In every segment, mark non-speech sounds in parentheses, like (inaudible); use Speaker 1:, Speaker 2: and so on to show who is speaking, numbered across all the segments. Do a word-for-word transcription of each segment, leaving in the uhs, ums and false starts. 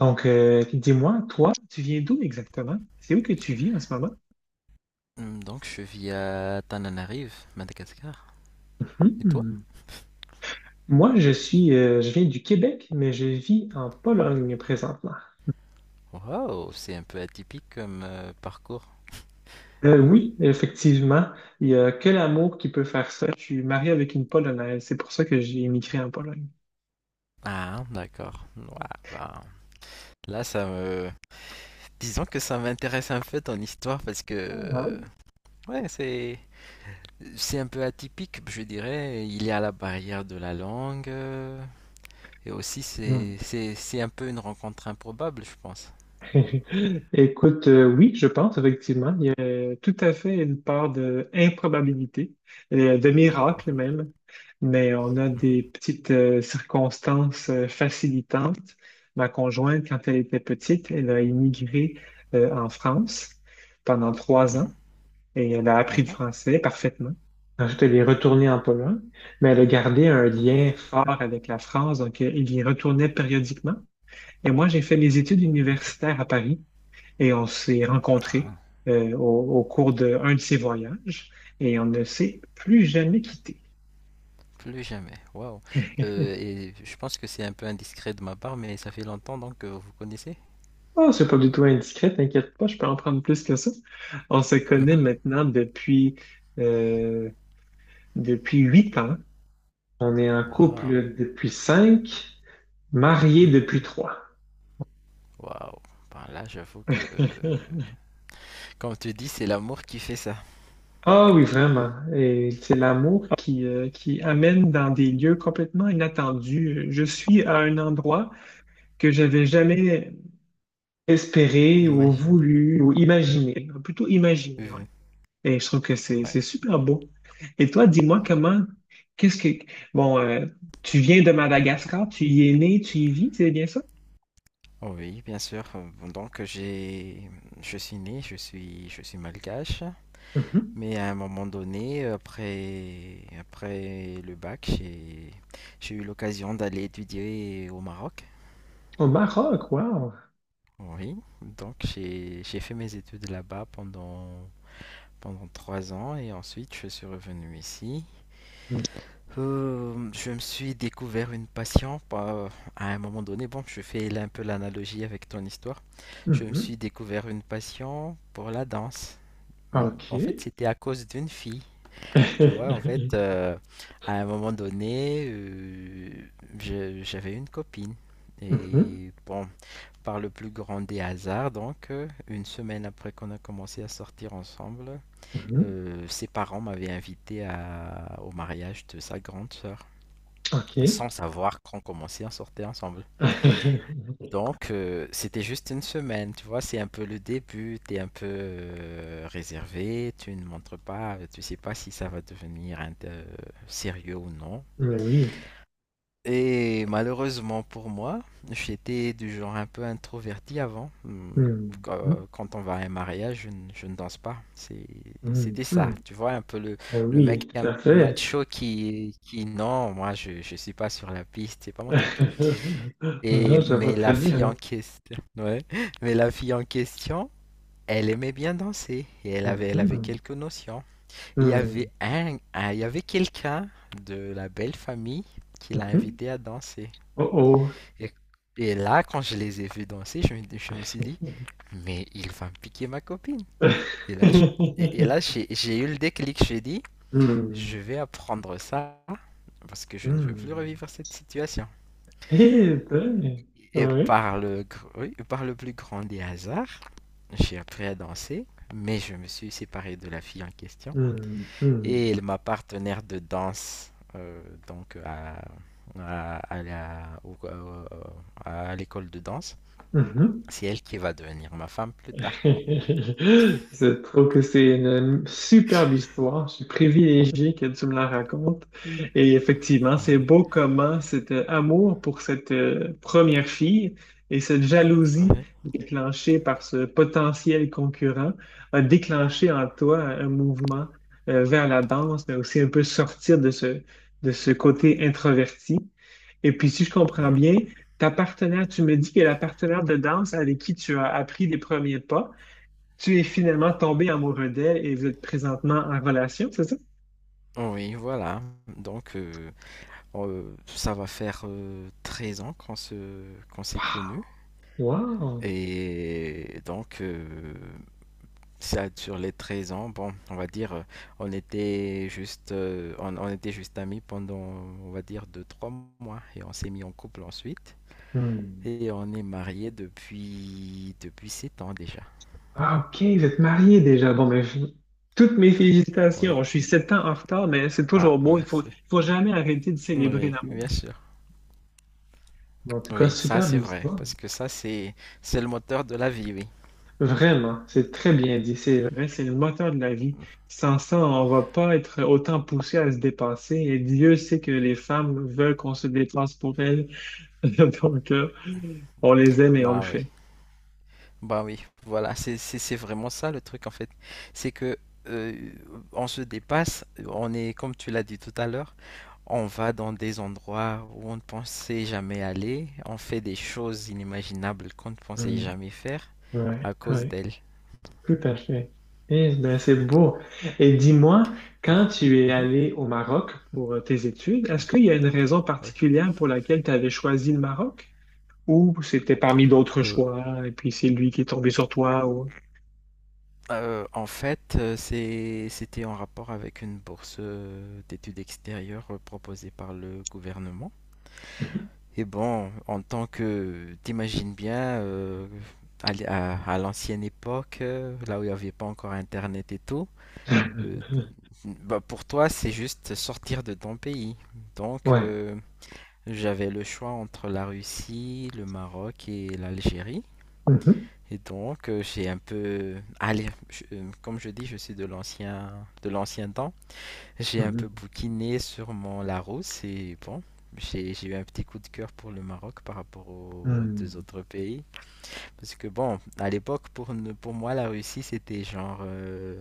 Speaker 1: Donc, euh, dis-moi, toi, tu viens d'où exactement? C'est où que tu vis en ce moment?
Speaker 2: Hmm, Donc je vis à Tananarive, Madagascar. Et toi?
Speaker 1: Hmm. Moi, je suis, euh, je viens du Québec, mais je vis en Pologne présentement.
Speaker 2: Wow, c'est un peu atypique comme euh, parcours.
Speaker 1: Euh, oui, effectivement, il n'y a que l'amour qui peut faire ça. Je suis marié avec une Polonaise, c'est pour ça que j'ai émigré en Pologne.
Speaker 2: Ah, d'accord. Ouais, bah, là, ça me... Disons que ça m'intéresse un peu ton histoire parce que...
Speaker 1: Ah
Speaker 2: euh,
Speaker 1: oui.
Speaker 2: Ouais, c'est... C'est un peu atypique, je dirais. Il y a la barrière de la langue. euh, Et aussi,
Speaker 1: Hmm.
Speaker 2: c'est... C'est c'est un peu une rencontre improbable, je pense.
Speaker 1: (laughs) Écoute, euh, oui, je pense effectivement, il y a tout à fait une part de improbabilité, euh, de miracle
Speaker 2: Mhm,
Speaker 1: même, mais on a des petites euh, circonstances euh, facilitantes. Ma conjointe, quand elle était petite, elle a immigré euh, en France pendant trois
Speaker 2: mhm,
Speaker 1: ans et elle a appris le
Speaker 2: mhm.
Speaker 1: français parfaitement. Ensuite, elle est retournée en Pologne, mais elle a gardé un lien fort avec la France, donc euh, elle y retournait périodiquement. Et moi, j'ai fait mes études universitaires à Paris et on s'est
Speaker 2: Ah.
Speaker 1: rencontrés euh, au, au cours d'un de ses voyages et on ne s'est plus jamais quittés.
Speaker 2: Plus jamais. Waouh. Euh, et je pense que c'est un peu indiscret de ma part, mais ça fait longtemps donc que vous connaissez?
Speaker 1: Oh, c'est pas du tout indiscret, t'inquiète pas, je peux en prendre plus que ça. On se connaît
Speaker 2: Mhm.
Speaker 1: maintenant depuis, euh, depuis huit ans. On est en
Speaker 2: Waouh.
Speaker 1: couple depuis cinq, mariés
Speaker 2: Mhm.
Speaker 1: depuis trois.
Speaker 2: Waouh. Ben là, j'avoue que
Speaker 1: (laughs)
Speaker 2: comme tu dis, c'est l'amour qui fait ça.
Speaker 1: Ah oui, vraiment. Et c'est l'amour qui, euh, qui amène dans des lieux complètement inattendus. Je suis à un endroit que j'avais jamais espéré ou
Speaker 2: Imagine.
Speaker 1: voulu ou imaginé, plutôt imaginé, ouais.
Speaker 2: Euh,
Speaker 1: Et je trouve que c'est
Speaker 2: ouais.
Speaker 1: c'est super beau. Et toi, dis-moi comment, qu'est-ce que, bon, euh, tu viens de Madagascar, tu y es né, tu y vis, c'est bien ça?
Speaker 2: Oh oui, bien sûr. Euh, bon, Donc j'ai, je suis né, je suis, je suis malgache.
Speaker 1: Mhm.
Speaker 2: Mais à un moment donné, après, après le bac, j'ai, j'ai eu l'occasion d'aller étudier au Maroc.
Speaker 1: Au Maroc, wow.
Speaker 2: Oui, donc j'ai j'ai fait mes études là-bas pendant pendant trois ans et ensuite je suis revenu ici. Euh, je me suis découvert une passion pas- à un moment donné. Bon, je fais là un peu l'analogie avec ton histoire. Je me suis
Speaker 1: Mhm.
Speaker 2: découvert une passion pour la danse. Mm, En fait,
Speaker 1: OK.
Speaker 2: c'était à cause d'une fille. Tu vois, en fait,
Speaker 1: (laughs)
Speaker 2: euh, à un moment donné, euh, je- j'avais une copine.
Speaker 1: Mhm.
Speaker 2: Et bon, par le plus grand des hasards, donc, euh, une semaine après qu'on a commencé à sortir ensemble,
Speaker 1: Mhm.
Speaker 2: euh, ses parents m'avaient invité à- au mariage de sa grande sœur,
Speaker 1: OK.
Speaker 2: sans savoir qu'on commençait à sortir ensemble.
Speaker 1: (laughs)
Speaker 2: Donc, euh, c'était juste une semaine, tu vois, c'est un peu le début, t'es un peu euh, réservé, tu ne montres pas, tu sais pas si ça va devenir un- euh, sérieux ou non.
Speaker 1: Mais oui.
Speaker 2: Et malheureusement pour moi, j'étais du genre un peu introverti avant. Hum,
Speaker 1: Mhm.
Speaker 2: Quand quand on va à un mariage, je, ne je ne danse pas. C'est- C'était
Speaker 1: Mhm.
Speaker 2: ça.
Speaker 1: Mhm.
Speaker 2: Tu vois, un peu le,
Speaker 1: Eh
Speaker 2: le mec
Speaker 1: oui, tout
Speaker 2: un
Speaker 1: à
Speaker 2: peu
Speaker 1: fait.
Speaker 2: macho qui, qui non, moi je ne suis pas sur la piste, c'est pas mon truc.
Speaker 1: (laughs)
Speaker 2: Et,
Speaker 1: Mhm, je vois
Speaker 2: mais
Speaker 1: très
Speaker 2: la fille
Speaker 1: bien.
Speaker 2: en question, (laughs) ouais, mais la fille en question, elle aimait bien danser et elle avait, elle avait
Speaker 1: Mhm.
Speaker 2: quelques notions. Il y
Speaker 1: Hmm.
Speaker 2: avait un, un- il y avait quelqu'un de la belle famille qui l'a
Speaker 1: Mhm.
Speaker 2: invitée à danser.
Speaker 1: Oh oh.
Speaker 2: Et, et là, quand je les ai vus danser, je me, je me suis dit, mais il va me piquer ma copine. Et là, je- et, et là
Speaker 1: (laughs)
Speaker 2: j'ai j'ai eu le déclic, j'ai dit,
Speaker 1: Hmm.
Speaker 2: je vais apprendre ça parce que je ne veux plus
Speaker 1: Hmm.
Speaker 2: revivre cette situation.
Speaker 1: Eh ben,
Speaker 2: Et
Speaker 1: ouais.
Speaker 2: par le, gr- oui, par le plus grand des hasards, j'ai appris à danser, mais je me suis séparé de la fille en question.
Speaker 1: Hmm. Hmm.
Speaker 2: Et elle- ma partenaire de danse, euh, donc à, à, à la- au- au- à l'école de danse,
Speaker 1: Mhm.
Speaker 2: c'est elle qui va devenir ma femme plus
Speaker 1: (laughs)
Speaker 2: tard.
Speaker 1: Je trouve que c'est une superbe histoire. Je suis privilégié que tu me la racontes.
Speaker 2: Hmm.
Speaker 1: Et effectivement, c'est
Speaker 2: Ouais.
Speaker 1: beau comment cet euh, amour pour cette euh, première fille et cette jalousie
Speaker 2: Ouais.
Speaker 1: déclenchée par ce potentiel concurrent a déclenché en toi un mouvement euh, vers la danse, mais aussi un peu sortir de ce, de ce côté introverti. Et puis, si je comprends
Speaker 2: Ouais.
Speaker 1: bien, ta partenaire, tu me dis que la partenaire de danse avec qui tu as appris les premiers pas, tu es finalement tombé amoureux d'elle et vous êtes présentement en relation, c'est ça?
Speaker 2: Oui, voilà. Donc, euh, euh, ça va faire euh, treize ans qu'on se, qu'on s'est connus.
Speaker 1: Wow!
Speaker 2: Et donc, euh, ça, sur les treize ans, bon, on va dire, euh, on était juste, euh, on, on était juste amis pendant, on va dire, deux trois mois. Et on s'est mis en couple ensuite.
Speaker 1: Hmm.
Speaker 2: Et on est mariés depuis, depuis sept ans déjà.
Speaker 1: Ah, OK, vous êtes mariés déjà. Bon, mais je- toutes mes
Speaker 2: Oui.
Speaker 1: félicitations. Je suis sept ans en retard, mais c'est
Speaker 2: Ah,
Speaker 1: toujours beau. Il faut, il
Speaker 2: merci.
Speaker 1: faut jamais arrêter de célébrer
Speaker 2: Oui,
Speaker 1: l'amour.
Speaker 2: bien sûr.
Speaker 1: En tout cas,
Speaker 2: Oui, ça
Speaker 1: superbe
Speaker 2: c'est vrai,
Speaker 1: histoire.
Speaker 2: parce que ça c'est c'est le moteur de la vie, oui.
Speaker 1: Vraiment, c'est très bien dit. C'est vrai, c'est le moteur de la vie. Sans ça, on va pas être autant poussé à se dépasser. Et Dieu sait que les femmes veulent qu'on se dépasse pour elles. (laughs) Donc, euh, on les aime et on le
Speaker 2: Bah oui,
Speaker 1: fait.
Speaker 2: bah oui, voilà, c'est c'est c'est vraiment ça le truc en fait. C'est que euh, on se dépasse, on est comme tu l'as dit tout à l'heure, on va dans des endroits où on ne pensait jamais aller, on fait des choses inimaginables qu'on ne pensait
Speaker 1: Mm,
Speaker 2: jamais faire
Speaker 1: ouais,
Speaker 2: à cause
Speaker 1: ouais,
Speaker 2: d'elle.
Speaker 1: tout à fait. Eh ben, c'est beau. Et dis-moi, quand tu es
Speaker 2: (laughs)
Speaker 1: allé au Maroc pour euh, tes études, est-ce qu'il y a une raison particulière pour laquelle tu avais choisi le Maroc? Ou c'était parmi d'autres
Speaker 2: Mhm, oui.
Speaker 1: choix, et puis c'est lui qui est tombé sur toi. Ou...
Speaker 2: Heu, en fait, heu, c'est c'était en rapport avec une bourse, heu, d'études extérieures, heu, proposée par le gouvernement et bon, en tant que t'imagines bien, heu, à l'é à à l'ancienne époque, heu, là où il n'y avait pas encore internet et tout, heu,
Speaker 1: (laughs)
Speaker 2: bah, pour toi, c'est juste sortir de ton pays. Donc
Speaker 1: Ouais.
Speaker 2: heu, j'avais le choix entre la Russie, le Maroc et l'Algérie.
Speaker 1: Mhm,
Speaker 2: Et donc, euh, j'ai un peu, allez, je- euh, comme je dis, je suis de l'ancien, de l'ancien temps. J'ai un peu
Speaker 1: mhm,
Speaker 2: bouquiné sur mon Larousse et bon, j'ai, j'ai eu un petit coup de cœur pour le Maroc par rapport aux deux
Speaker 1: mhm.
Speaker 2: autres pays. Parce que bon, à l'époque, pour, ne- pour moi, la Russie, c'était genre, euh,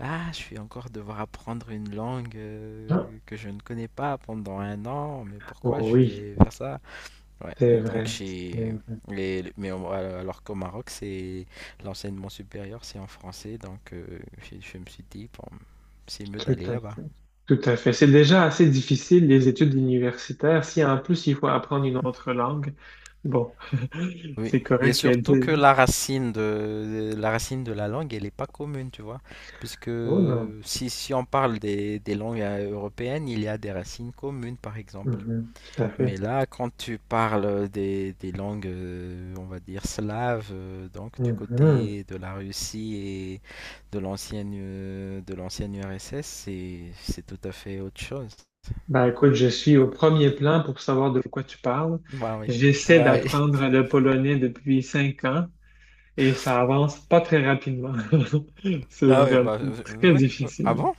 Speaker 2: ah, je vais encore devoir apprendre une langue
Speaker 1: Ah,
Speaker 2: euh, que je ne connais pas pendant un an, mais
Speaker 1: oh
Speaker 2: pourquoi je
Speaker 1: oui,
Speaker 2: vais faire ça? Ouais,
Speaker 1: c'est
Speaker 2: et donc
Speaker 1: vrai. C'est
Speaker 2: chez
Speaker 1: vrai.
Speaker 2: les, mais au- alors qu'au Maroc, c'est l'enseignement supérieur, c'est en français, donc euh, je, je me suis dit bon, c'est mieux
Speaker 1: Tout
Speaker 2: d'aller
Speaker 1: à
Speaker 2: là-bas.
Speaker 1: fait. Tout à fait. C'est déjà assez difficile, les études universitaires. Si en plus il faut apprendre une autre langue, bon,
Speaker 2: Oui,
Speaker 1: c'est
Speaker 2: et
Speaker 1: correct qu'elle
Speaker 2: surtout
Speaker 1: dise.
Speaker 2: que la racine de, de- la racine de la langue, elle n'est pas commune, tu vois, puisque
Speaker 1: Oh non.
Speaker 2: si, si on parle des, des langues euh, européennes, il y a des racines communes, par exemple.
Speaker 1: Mhm, tout à
Speaker 2: Mais
Speaker 1: fait.
Speaker 2: là, quand tu parles des, des langues, euh, on va dire slaves, euh, donc du
Speaker 1: Mhm.
Speaker 2: côté de la Russie et de l'ancienne euh, de l'ancienne U R S S, c'est c'est tout à fait autre chose.
Speaker 1: Ben écoute, je suis au premier plan pour savoir de quoi tu parles.
Speaker 2: Bah oui,
Speaker 1: J'essaie
Speaker 2: bah oui, (laughs)
Speaker 1: d'apprendre le polonais depuis cinq ans. Et ça avance pas très rapidement. (laughs) C'est
Speaker 2: ah oui,
Speaker 1: vraiment
Speaker 2: bah, euh,
Speaker 1: très
Speaker 2: oui. Oui. Ah
Speaker 1: difficile.
Speaker 2: bon?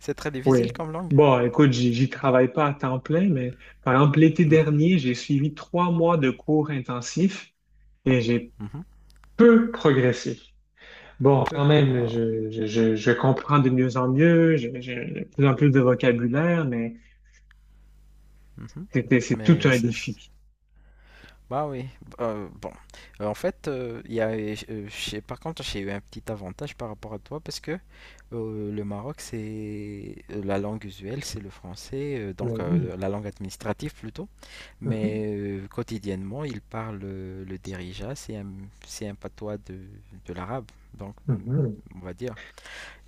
Speaker 2: C'est très difficile
Speaker 1: Oui.
Speaker 2: comme langue.
Speaker 1: Bon, écoute, j'y j'y travaille pas à temps plein, mais par exemple, l'été
Speaker 2: Mhm,
Speaker 1: dernier, j'ai suivi trois mois de cours intensifs et j'ai
Speaker 2: mhm.
Speaker 1: peu progressé. Bon,
Speaker 2: Peu,
Speaker 1: quand même,
Speaker 2: waouh.
Speaker 1: je, je, je, je comprends de mieux en mieux, je- j'ai de plus en plus de vocabulaire, mais
Speaker 2: Mhm.
Speaker 1: c'était, c'est tout
Speaker 2: Mais
Speaker 1: un défi.
Speaker 2: c'est Bah oui, euh, bon. Euh, en fait, euh, il y a, euh, j'ai- par contre, j'ai eu un petit avantage par rapport à toi parce que euh, le Maroc, c'est euh, la langue usuelle, c'est le français, euh, donc
Speaker 1: Mais oui.
Speaker 2: euh, la langue administrative plutôt.
Speaker 1: Mhm.
Speaker 2: Mais euh, quotidiennement, ils parlent euh, le derija, c'est un, c'est un patois de, de l'arabe, donc euh,
Speaker 1: Mhm.
Speaker 2: on va dire.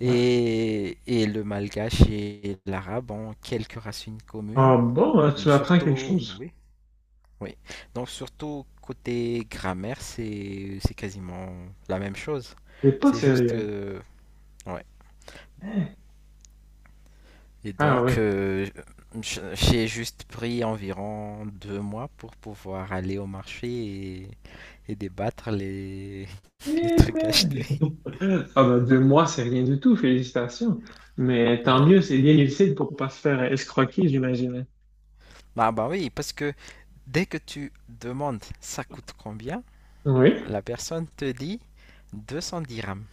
Speaker 1: Ouais.
Speaker 2: et le malgache et l'arabe ont quelques racines communes,
Speaker 1: Ah bon, hein, tu m'apprends quelque
Speaker 2: surtout,
Speaker 1: chose.
Speaker 2: oui. Oui. Donc surtout côté grammaire, c'est c'est quasiment la même chose.
Speaker 1: T'es pas
Speaker 2: C'est juste
Speaker 1: sérieux.
Speaker 2: euh, ouais. Et
Speaker 1: Ah
Speaker 2: donc
Speaker 1: oui.
Speaker 2: euh, j- j'ai juste pris environ deux mois pour pouvoir aller au marché et, et débattre les (laughs) les trucs achetés.
Speaker 1: Ah ben, deux mois, c'est rien du tout, félicitations. Mais tant
Speaker 2: Ouais.
Speaker 1: mieux, c'est bien lucide pour pas se faire escroquer, j'imagine.
Speaker 2: Bah bah oui, parce que dès que tu demandes ça coûte combien,
Speaker 1: Oui.
Speaker 2: la personne te dit deux cent dix dirhams.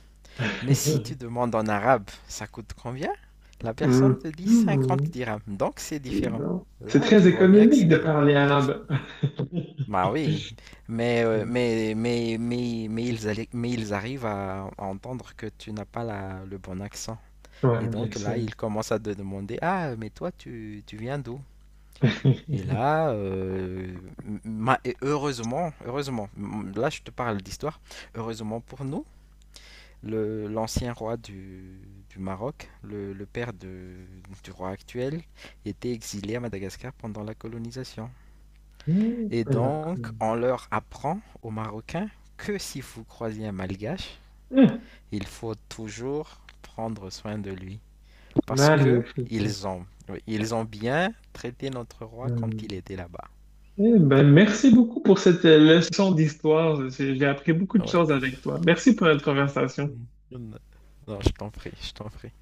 Speaker 2: Mais si tu
Speaker 1: (laughs)
Speaker 2: demandes en arabe, ça coûte combien? La
Speaker 1: Hmm.
Speaker 2: personne te dit cinquante
Speaker 1: Hmm.
Speaker 2: dirhams, donc c'est
Speaker 1: Dis
Speaker 2: différent.
Speaker 1: donc. C'est
Speaker 2: Là, tu
Speaker 1: très
Speaker 2: vois bien que
Speaker 1: économique de
Speaker 2: c'est...
Speaker 1: parler arabe. (laughs)
Speaker 2: Bah oui, mais, euh, mais, mais, mais, mais, ils, alli- mais ils arrivent à entendre que tu n'as pas la- le bon accent. Et
Speaker 1: Ouais, bien
Speaker 2: donc là,
Speaker 1: sûr.
Speaker 2: ils commencent à te demander, ah, mais toi, tu, tu viens d'où? Et
Speaker 1: (laughs)
Speaker 2: là, euh, ma- et heureusement, heureusement, m- là je te parle d'histoire, heureusement pour nous, le- l'ancien roi du, du Maroc, le, le père de- du roi actuel, était exilé à Madagascar pendant la colonisation.
Speaker 1: Hmm,
Speaker 2: Et donc, on leur apprend aux Marocains que si vous croisez un Malgache,
Speaker 1: hmm,
Speaker 2: il faut toujours prendre soin de lui. Parce que
Speaker 1: magnifique.
Speaker 2: ils ont, oui, ils ont bien traité notre roi quand il
Speaker 1: Hmm.
Speaker 2: était là-bas.
Speaker 1: Eh ben, merci beaucoup pour cette euh, leçon d'histoire. J'ai j'ai appris beaucoup de choses
Speaker 2: Oui.
Speaker 1: avec toi. Merci pour notre conversation.
Speaker 2: Mm. Non, je t'en prie, je t'en prie.